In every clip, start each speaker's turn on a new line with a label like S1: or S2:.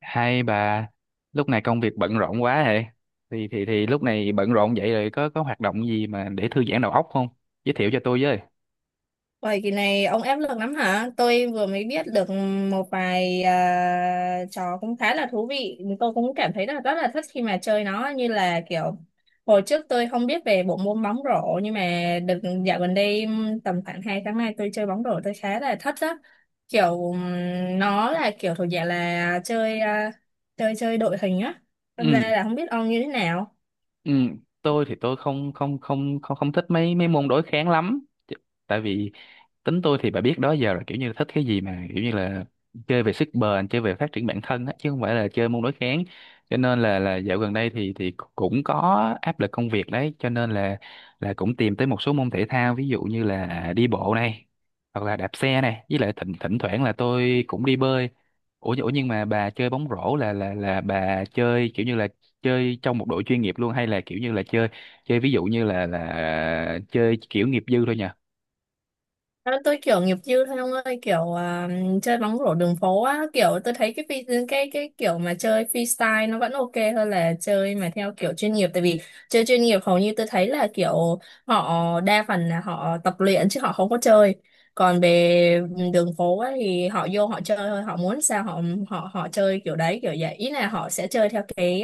S1: Hai bà, lúc này công việc bận rộn quá hệ. Thì lúc này bận rộn vậy rồi có hoạt động gì mà để thư giãn đầu óc không? Giới thiệu cho tôi với.
S2: Vậy kỳ này ông ép lực lắm hả? Tôi vừa mới biết được một vài trò cũng khá là thú vị. Tôi cũng cảm thấy là rất là thích khi mà chơi nó như là kiểu hồi trước tôi không biết về bộ môn bóng rổ nhưng mà được dạo gần đây tầm khoảng 2 tháng nay tôi chơi bóng rổ tôi khá là thích đó. Kiểu nó là kiểu thuộc dạng là chơi chơi chơi đội hình á. Hôm
S1: Ừ,
S2: nay là không biết ông như thế nào.
S1: ừ, tôi thì tôi không không không không không thích mấy mấy môn đối kháng lắm. Tại vì tính tôi thì bà biết đó, giờ là kiểu như là thích cái gì mà kiểu như là chơi về sức bền, chơi về phát triển bản thân á, chứ không phải là chơi môn đối kháng, cho nên là dạo gần đây thì cũng có áp lực công việc đấy, cho nên là cũng tìm tới một số môn thể thao, ví dụ như là đi bộ này, hoặc là đạp xe này, với lại thỉnh thỉnh thoảng là tôi cũng đi bơi. Ủa ủa nhưng mà bà chơi bóng rổ là bà chơi kiểu như là chơi trong một đội chuyên nghiệp luôn, hay là kiểu như là chơi chơi ví dụ như là chơi kiểu nghiệp dư thôi nhỉ?
S2: À, tôi kiểu nghiệp dư thôi ông ơi, kiểu chơi bóng rổ đường phố á, kiểu tôi thấy cái cái kiểu mà chơi freestyle nó vẫn ok hơn là chơi mà theo kiểu chuyên nghiệp. Tại vì chơi chuyên nghiệp hầu như tôi thấy là kiểu họ đa phần là họ tập luyện chứ họ không có chơi. Còn về đường phố á, thì họ vô họ chơi thôi, họ muốn sao họ họ họ chơi kiểu đấy, kiểu vậy, ý là họ sẽ chơi theo cái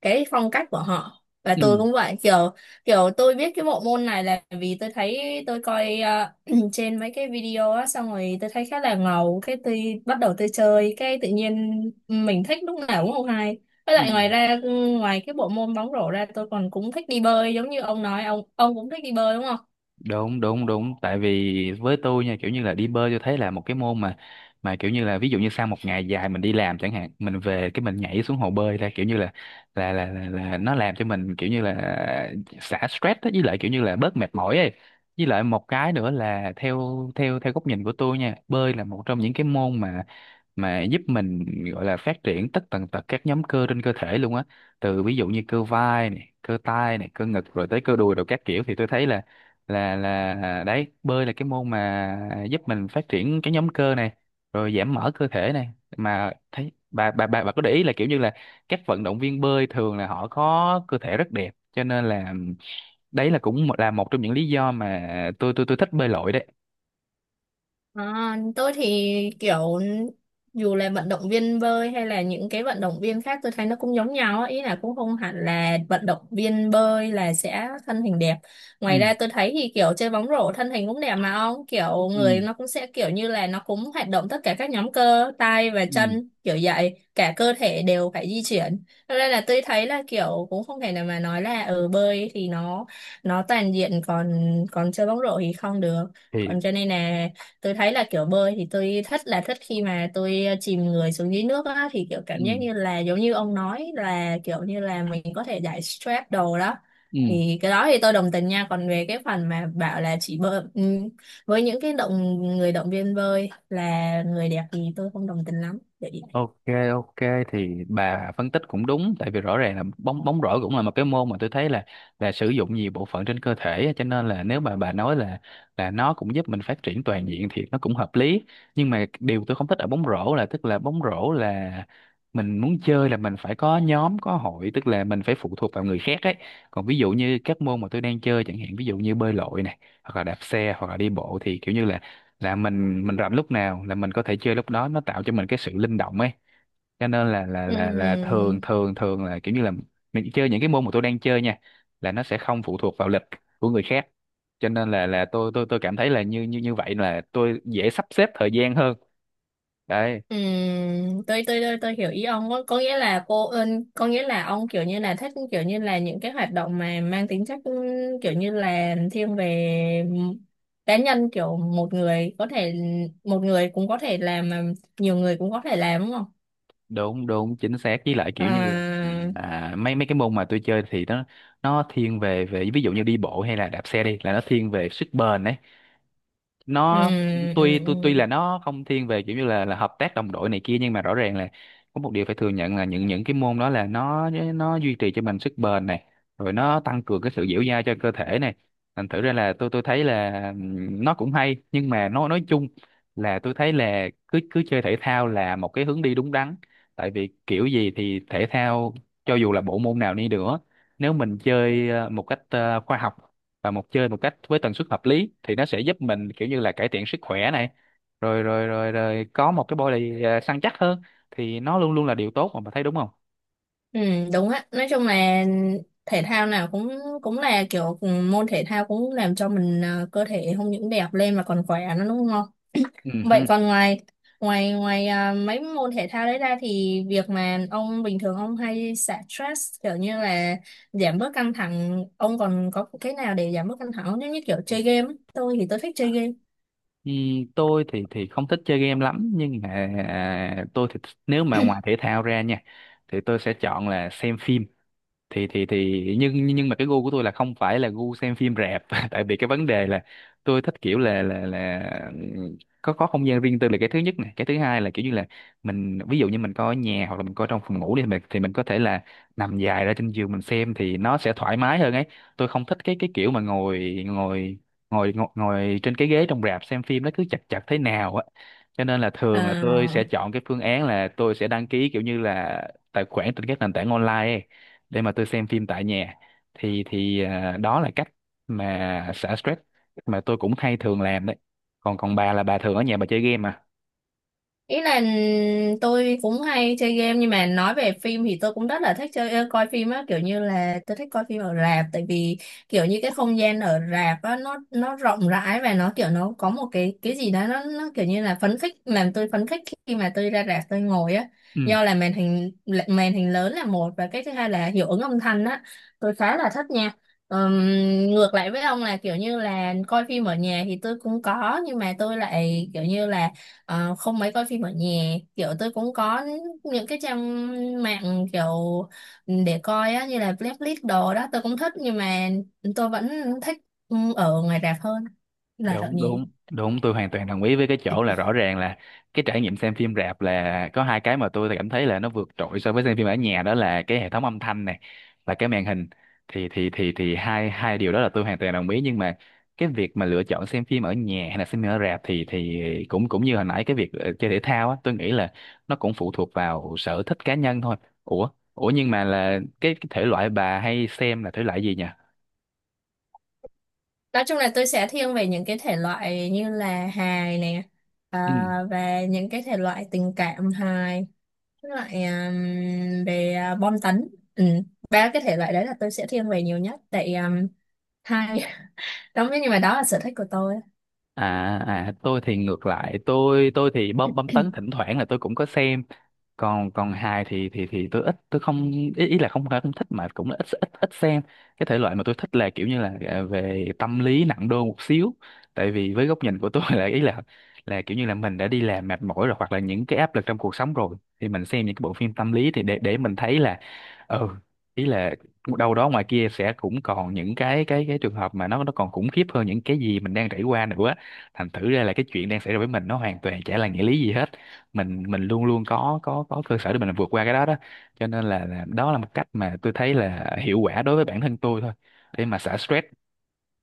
S2: phong cách của họ, và
S1: Ừ.
S2: tôi cũng vậy. Kiểu kiểu tôi biết cái bộ môn này là vì tôi thấy tôi coi trên mấy cái video á, xong rồi tôi thấy khá là ngầu, cái tôi bắt đầu tôi chơi, cái tự nhiên mình thích lúc nào cũng không hay. Với
S1: Ừ.
S2: lại ngoài ra, ngoài cái bộ môn bóng rổ ra, tôi còn cũng thích đi bơi, giống như ông nói ông cũng thích đi bơi đúng không?
S1: Đúng đúng đúng, tại vì với tôi nha, kiểu như là đi bơi tôi thấy là một cái môn mà kiểu như là ví dụ như sau một ngày dài mình đi làm chẳng hạn, mình về cái mình nhảy xuống hồ bơi ra kiểu như là nó làm cho mình kiểu như là xả stress đó, với lại kiểu như là bớt mệt mỏi ấy. Với lại một cái nữa là theo theo theo góc nhìn của tôi nha, bơi là một trong những cái môn mà giúp mình, gọi là phát triển tất tần tật các nhóm cơ trên cơ thể luôn á, từ ví dụ như cơ vai này, cơ tay này, cơ ngực, rồi tới cơ đùi rồi các kiểu, thì tôi thấy là là à, đấy, bơi là cái môn mà giúp mình phát triển cái nhóm cơ này, rồi giảm mỡ cơ thể này. Mà thấy bà bà có để ý là kiểu như là các vận động viên bơi thường là họ có cơ thể rất đẹp, cho nên là đấy là cũng một- là một trong những lý do mà tôi tôi thích bơi lội đấy.
S2: À, tôi thì kiểu dù là vận động viên bơi hay là những cái vận động viên khác tôi thấy nó cũng giống nhau á. Ý là cũng không hẳn là vận động viên bơi là sẽ thân hình đẹp.
S1: Ừ.
S2: Ngoài ra tôi thấy thì kiểu chơi bóng rổ thân hình cũng đẹp mà ông, kiểu
S1: Ừ.
S2: người nó cũng sẽ kiểu như là nó cũng hoạt động tất cả các nhóm cơ tay và
S1: Ừ.
S2: chân, kiểu vậy cả cơ thể đều phải di chuyển. Cho nên là tôi thấy là kiểu cũng không thể nào mà nói là ở bơi thì nó toàn diện còn còn chơi bóng rổ thì không được, còn
S1: Thì.
S2: cho nên là tôi thấy là kiểu bơi thì tôi thích, là thích khi mà tôi chìm người xuống dưới nước á, thì kiểu cảm
S1: Ừ.
S2: giác như là giống như ông nói là kiểu như là mình có thể giải stress đồ đó.
S1: Ừ.
S2: Thì cái đó thì tôi đồng tình nha, còn về cái phần mà bảo là chỉ bơi với những cái động người động viên bơi là người đẹp thì tôi không đồng tình lắm vậy.
S1: Ok, ok, thì bà phân tích cũng đúng, tại vì rõ ràng là bóng bóng rổ cũng là một cái môn mà tôi thấy là sử dụng nhiều bộ phận trên cơ thể á, cho nên là nếu mà bà nói là nó cũng giúp mình phát triển toàn diện thì nó cũng hợp lý. Nhưng mà điều tôi không thích ở bóng rổ là, tức là bóng rổ là mình muốn chơi là mình phải có nhóm có hội, tức là mình phải phụ thuộc vào người khác ấy. Còn ví dụ như các môn mà tôi đang chơi chẳng hạn, ví dụ như bơi lội này, hoặc là đạp xe, hoặc là đi bộ, thì kiểu như là mình rảnh lúc nào là mình có thể chơi lúc đó, nó tạo cho mình cái sự linh động ấy, cho nên là thường
S2: Ừm.
S1: thường thường là kiểu như là mình chơi những cái môn mà tôi đang chơi nha là nó sẽ không phụ thuộc vào lịch của người khác, cho nên là tôi tôi cảm thấy là như như như vậy là tôi dễ sắp xếp thời gian hơn đấy.
S2: Ừ, tôi hiểu ý ông, có nghĩa là cô ơn, có nghĩa là ông kiểu như là thích kiểu như là những cái hoạt động mà mang tính chất kiểu như là thiên về cá nhân, kiểu một người có thể, một người cũng có thể làm mà nhiều người cũng có thể làm đúng không?
S1: Đúng đúng chính xác, với lại kiểu như là,
S2: À,
S1: à, mấy mấy cái môn mà tôi chơi thì nó thiên về về ví dụ như đi bộ hay là đạp xe đi là nó thiên về sức bền ấy.
S2: ừ,
S1: Nó
S2: ừ,
S1: tuy tuy tuy
S2: ừ,
S1: là nó không thiên về kiểu như là hợp tác đồng đội này kia, nhưng mà rõ ràng là có một điều phải thừa nhận là những cái môn đó là nó duy trì cho mình sức bền này, rồi nó tăng cường cái sự dẻo dai cho cơ thể này, thành thử ra là tôi thấy là nó cũng hay, nhưng mà nó nói chung là tôi thấy là cứ cứ chơi thể thao là một cái hướng đi đúng đắn, tại vì kiểu gì thì thể thao, cho dù là bộ môn nào đi nữa, nếu mình chơi một cách khoa học và một chơi một cách với tần suất hợp lý thì nó sẽ giúp mình kiểu như là cải thiện sức khỏe này, rồi rồi rồi rồi có một cái body à, săn chắc hơn, thì nó luôn luôn là điều tốt mà, bà thấy đúng không?
S2: ừ, đúng á, nói chung là thể thao nào cũng cũng là kiểu môn thể thao cũng làm cho mình cơ thể không những đẹp lên mà còn khỏe nữa đúng không?
S1: Ừ hừ.
S2: Vậy còn ngoài ngoài ngoài mấy môn thể thao đấy ra thì việc mà ông bình thường ông hay xả stress kiểu như là giảm bớt căng thẳng, ông còn có cái nào để giảm bớt căng thẳng không? Giống như kiểu chơi game ấy. Tôi thì tôi thích chơi game.
S1: Ừ, tôi thì không thích chơi game lắm, nhưng mà à, tôi thì nếu mà ngoài thể thao ra nha thì tôi sẽ chọn là xem phim. Thì nhưng mà cái gu của tôi là không phải là gu xem phim rạp tại vì cái vấn đề là tôi thích kiểu là có không gian riêng tư là cái thứ nhất này, cái thứ hai là kiểu như là mình ví dụ như mình coi ở nhà hoặc là mình coi trong phòng ngủ đi, mình thì mình có thể là nằm dài ra trên giường mình xem thì nó sẽ thoải mái hơn ấy. Tôi không thích cái kiểu mà ngồi ngồi ngồi ngồi, ngồi trên cái ghế trong rạp xem phim, nó cứ chật chật thế nào á, cho nên là
S2: Ờ,
S1: thường là tôi sẽ chọn cái phương án là tôi sẽ đăng ký kiểu như là tài khoản trên các nền tảng online ấy để mà tôi xem phim tại nhà. Thì à, đó là cách mà xả stress mà tôi cũng hay thường làm đấy. Còn còn bà là bà thường ở nhà bà chơi game à?
S2: ý là tôi cũng hay chơi game, nhưng mà nói về phim thì tôi cũng rất là thích chơi coi phim á, kiểu như là tôi thích coi phim ở rạp. Tại vì kiểu như cái không gian ở rạp á nó rộng rãi, và nó kiểu nó có một cái gì đó nó kiểu như là phấn khích, làm tôi phấn khích khi mà tôi ra rạp tôi ngồi á,
S1: Ừ.
S2: do là màn hình lớn là một, và cái thứ hai là hiệu ứng âm thanh á, tôi khá là thích nha. Ừm, ngược lại với ông là kiểu như là coi phim ở nhà thì tôi cũng có, nhưng mà tôi lại kiểu như là không mấy coi phim ở nhà, kiểu tôi cũng có những cái trang mạng kiểu để coi á, như là Netflix đồ đó tôi cũng thích, nhưng mà tôi vẫn thích ở ngoài rạp hơn là ở
S1: Đúng
S2: nhà.
S1: đúng đúng, tôi hoàn toàn đồng ý với cái chỗ là rõ ràng là cái trải nghiệm xem phim rạp là có hai cái mà tôi cảm thấy là nó vượt trội so với xem phim ở nhà, đó là cái hệ thống âm thanh này và cái màn hình, thì hai hai điều đó là tôi hoàn toàn đồng ý. Nhưng mà cái việc mà lựa chọn xem phim ở nhà hay là xem phim ở rạp thì cũng cũng như hồi nãy cái việc chơi thể thao á, tôi nghĩ là nó cũng phụ thuộc vào sở thích cá nhân thôi. Ủa ủa nhưng mà là cái thể loại bà hay xem là thể loại gì
S2: Nói chung là tôi sẽ thiên về những cái thể loại như là hài nè, à,
S1: nhỉ?
S2: và những cái thể loại tình cảm hài, với lại về bom tấn. Ừ. Ba cái thể loại đấy là tôi sẽ thiên về nhiều nhất tại hai đó, nhưng mà đó là sở thích của tôi.
S1: À, tôi thì ngược lại, tôi thì bom bom tấn thỉnh thoảng là tôi cũng có xem, còn còn hài thì tôi ít, tôi không, ý, ý là không phải không thích mà cũng là ít ít ít xem. Cái thể loại mà tôi thích là kiểu như là à, về tâm lý nặng đô một xíu, tại vì với góc nhìn của tôi là ý là kiểu như là mình đã đi làm mệt mỏi rồi hoặc là những cái áp lực trong cuộc sống rồi thì mình xem những cái bộ phim tâm lý thì để mình thấy là ừ, ý là đâu đó ngoài kia sẽ cũng còn những cái cái trường hợp mà nó còn khủng khiếp hơn những cái gì mình đang trải qua nữa, thành thử ra là cái chuyện đang xảy ra với mình nó hoàn toàn chả là nghĩa lý gì hết, mình luôn luôn có có cơ sở để mình vượt qua cái đó đó, cho nên là đó là một cách mà tôi thấy là hiệu quả đối với bản thân tôi thôi để mà xả stress.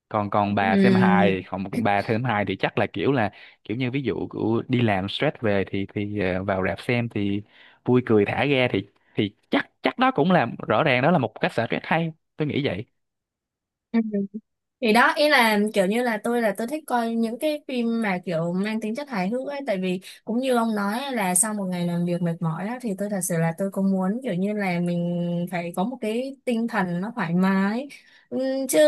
S1: Còn còn bà xem
S2: Ừm,
S1: hài còn, còn bà xem hài thì chắc là kiểu như ví dụ của đi làm stress về thì vào rạp xem thì vui cười thả ga thì chắc chắc đó cũng là, rõ ràng đó là một cách xả stress hay, tôi nghĩ vậy.
S2: thì đó ý là kiểu như là tôi thích coi những cái phim mà kiểu mang tính chất hài hước ấy, tại vì cũng như ông nói ấy, là sau một ngày làm việc mệt mỏi á, thì tôi thật sự là tôi cũng muốn kiểu như là mình phải có một cái tinh thần nó thoải mái. Chứ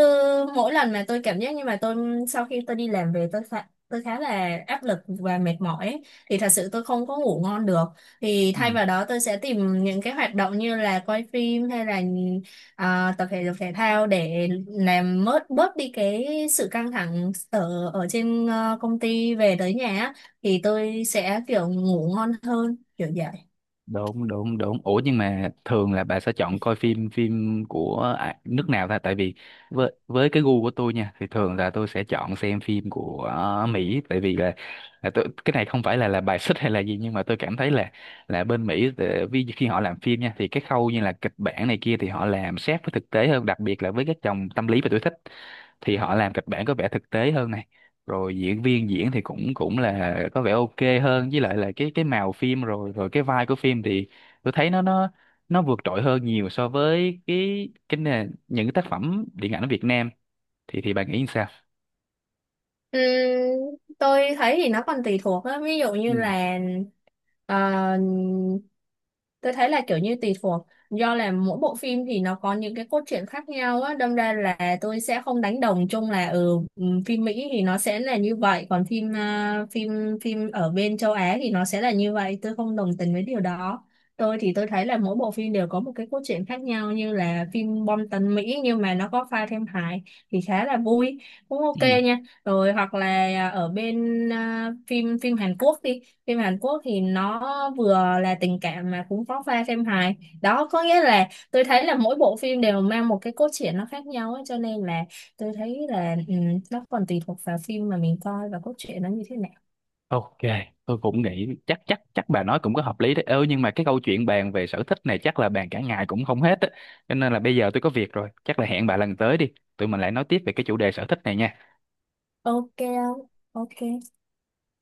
S2: mỗi lần mà tôi cảm giác như mà tôi, sau khi tôi đi làm về tôi khá là áp lực và mệt mỏi ấy, thì thật sự tôi không có ngủ ngon được, thì thay vào đó tôi sẽ tìm những cái hoạt động như là coi phim hay là tập thể dục thể thao để làm bớt bớt đi cái sự căng thẳng ở ở trên công ty về tới nhà á, thì tôi sẽ kiểu ngủ ngon hơn kiểu vậy.
S1: Đúng đúng đúng, ủa nhưng mà thường là bà sẽ chọn coi phim phim của à, nước nào ta? Tại vì với cái gu của tôi nha thì thường là tôi sẽ chọn xem phim của Mỹ, tại vì là tôi, cái này không phải là bài xích hay là gì, nhưng mà tôi cảm thấy là bên Mỹ vì khi họ làm phim nha thì cái khâu như là kịch bản này kia thì họ làm sát với thực tế hơn, đặc biệt là với các dòng tâm lý mà tôi thích thì họ làm kịch bản có vẻ thực tế hơn này, rồi diễn viên diễn thì cũng cũng là có vẻ ok hơn, với lại là cái màu phim rồi rồi cái vai của phim thì tôi thấy nó vượt trội hơn nhiều so với cái nền những cái tác phẩm điện ảnh ở Việt Nam, thì bà nghĩ sao?
S2: Ừm, tôi thấy thì nó còn tùy thuộc á, ví dụ
S1: Ừ.
S2: như là ờ, tôi thấy là kiểu như tùy thuộc do là mỗi bộ phim thì nó có những cái cốt truyện khác nhau á, đâm ra là tôi sẽ không đánh đồng chung là phim Mỹ thì nó sẽ là như vậy, còn phim phim phim ở bên châu Á thì nó sẽ là như vậy, tôi không đồng tình với điều đó. Tôi thì tôi thấy là mỗi bộ phim đều có một cái cốt truyện khác nhau, như là phim bom tấn Mỹ nhưng mà nó có pha thêm hài thì khá là vui, cũng ok
S1: Ừ.
S2: nha. Rồi hoặc là ở bên phim phim Hàn Quốc đi, phim Hàn Quốc thì nó vừa là tình cảm mà cũng có pha phim hài, đó có nghĩa là tôi thấy là mỗi bộ phim đều mang một cái cốt truyện nó khác nhau ấy, cho nên là tôi thấy là nó còn tùy thuộc vào phim mà mình coi và cốt truyện nó như thế nào.
S1: Ok, tôi cũng nghĩ chắc chắc chắc bà nói cũng có hợp lý đấy. Ơ nhưng mà cái câu chuyện bàn về sở thích này chắc là bàn cả ngày cũng không hết á. Cho nên là bây giờ tôi có việc rồi, chắc là hẹn bà lần tới đi. Tụi mình lại nói tiếp về cái chủ đề sở thích này nha.
S2: Ok không, ok.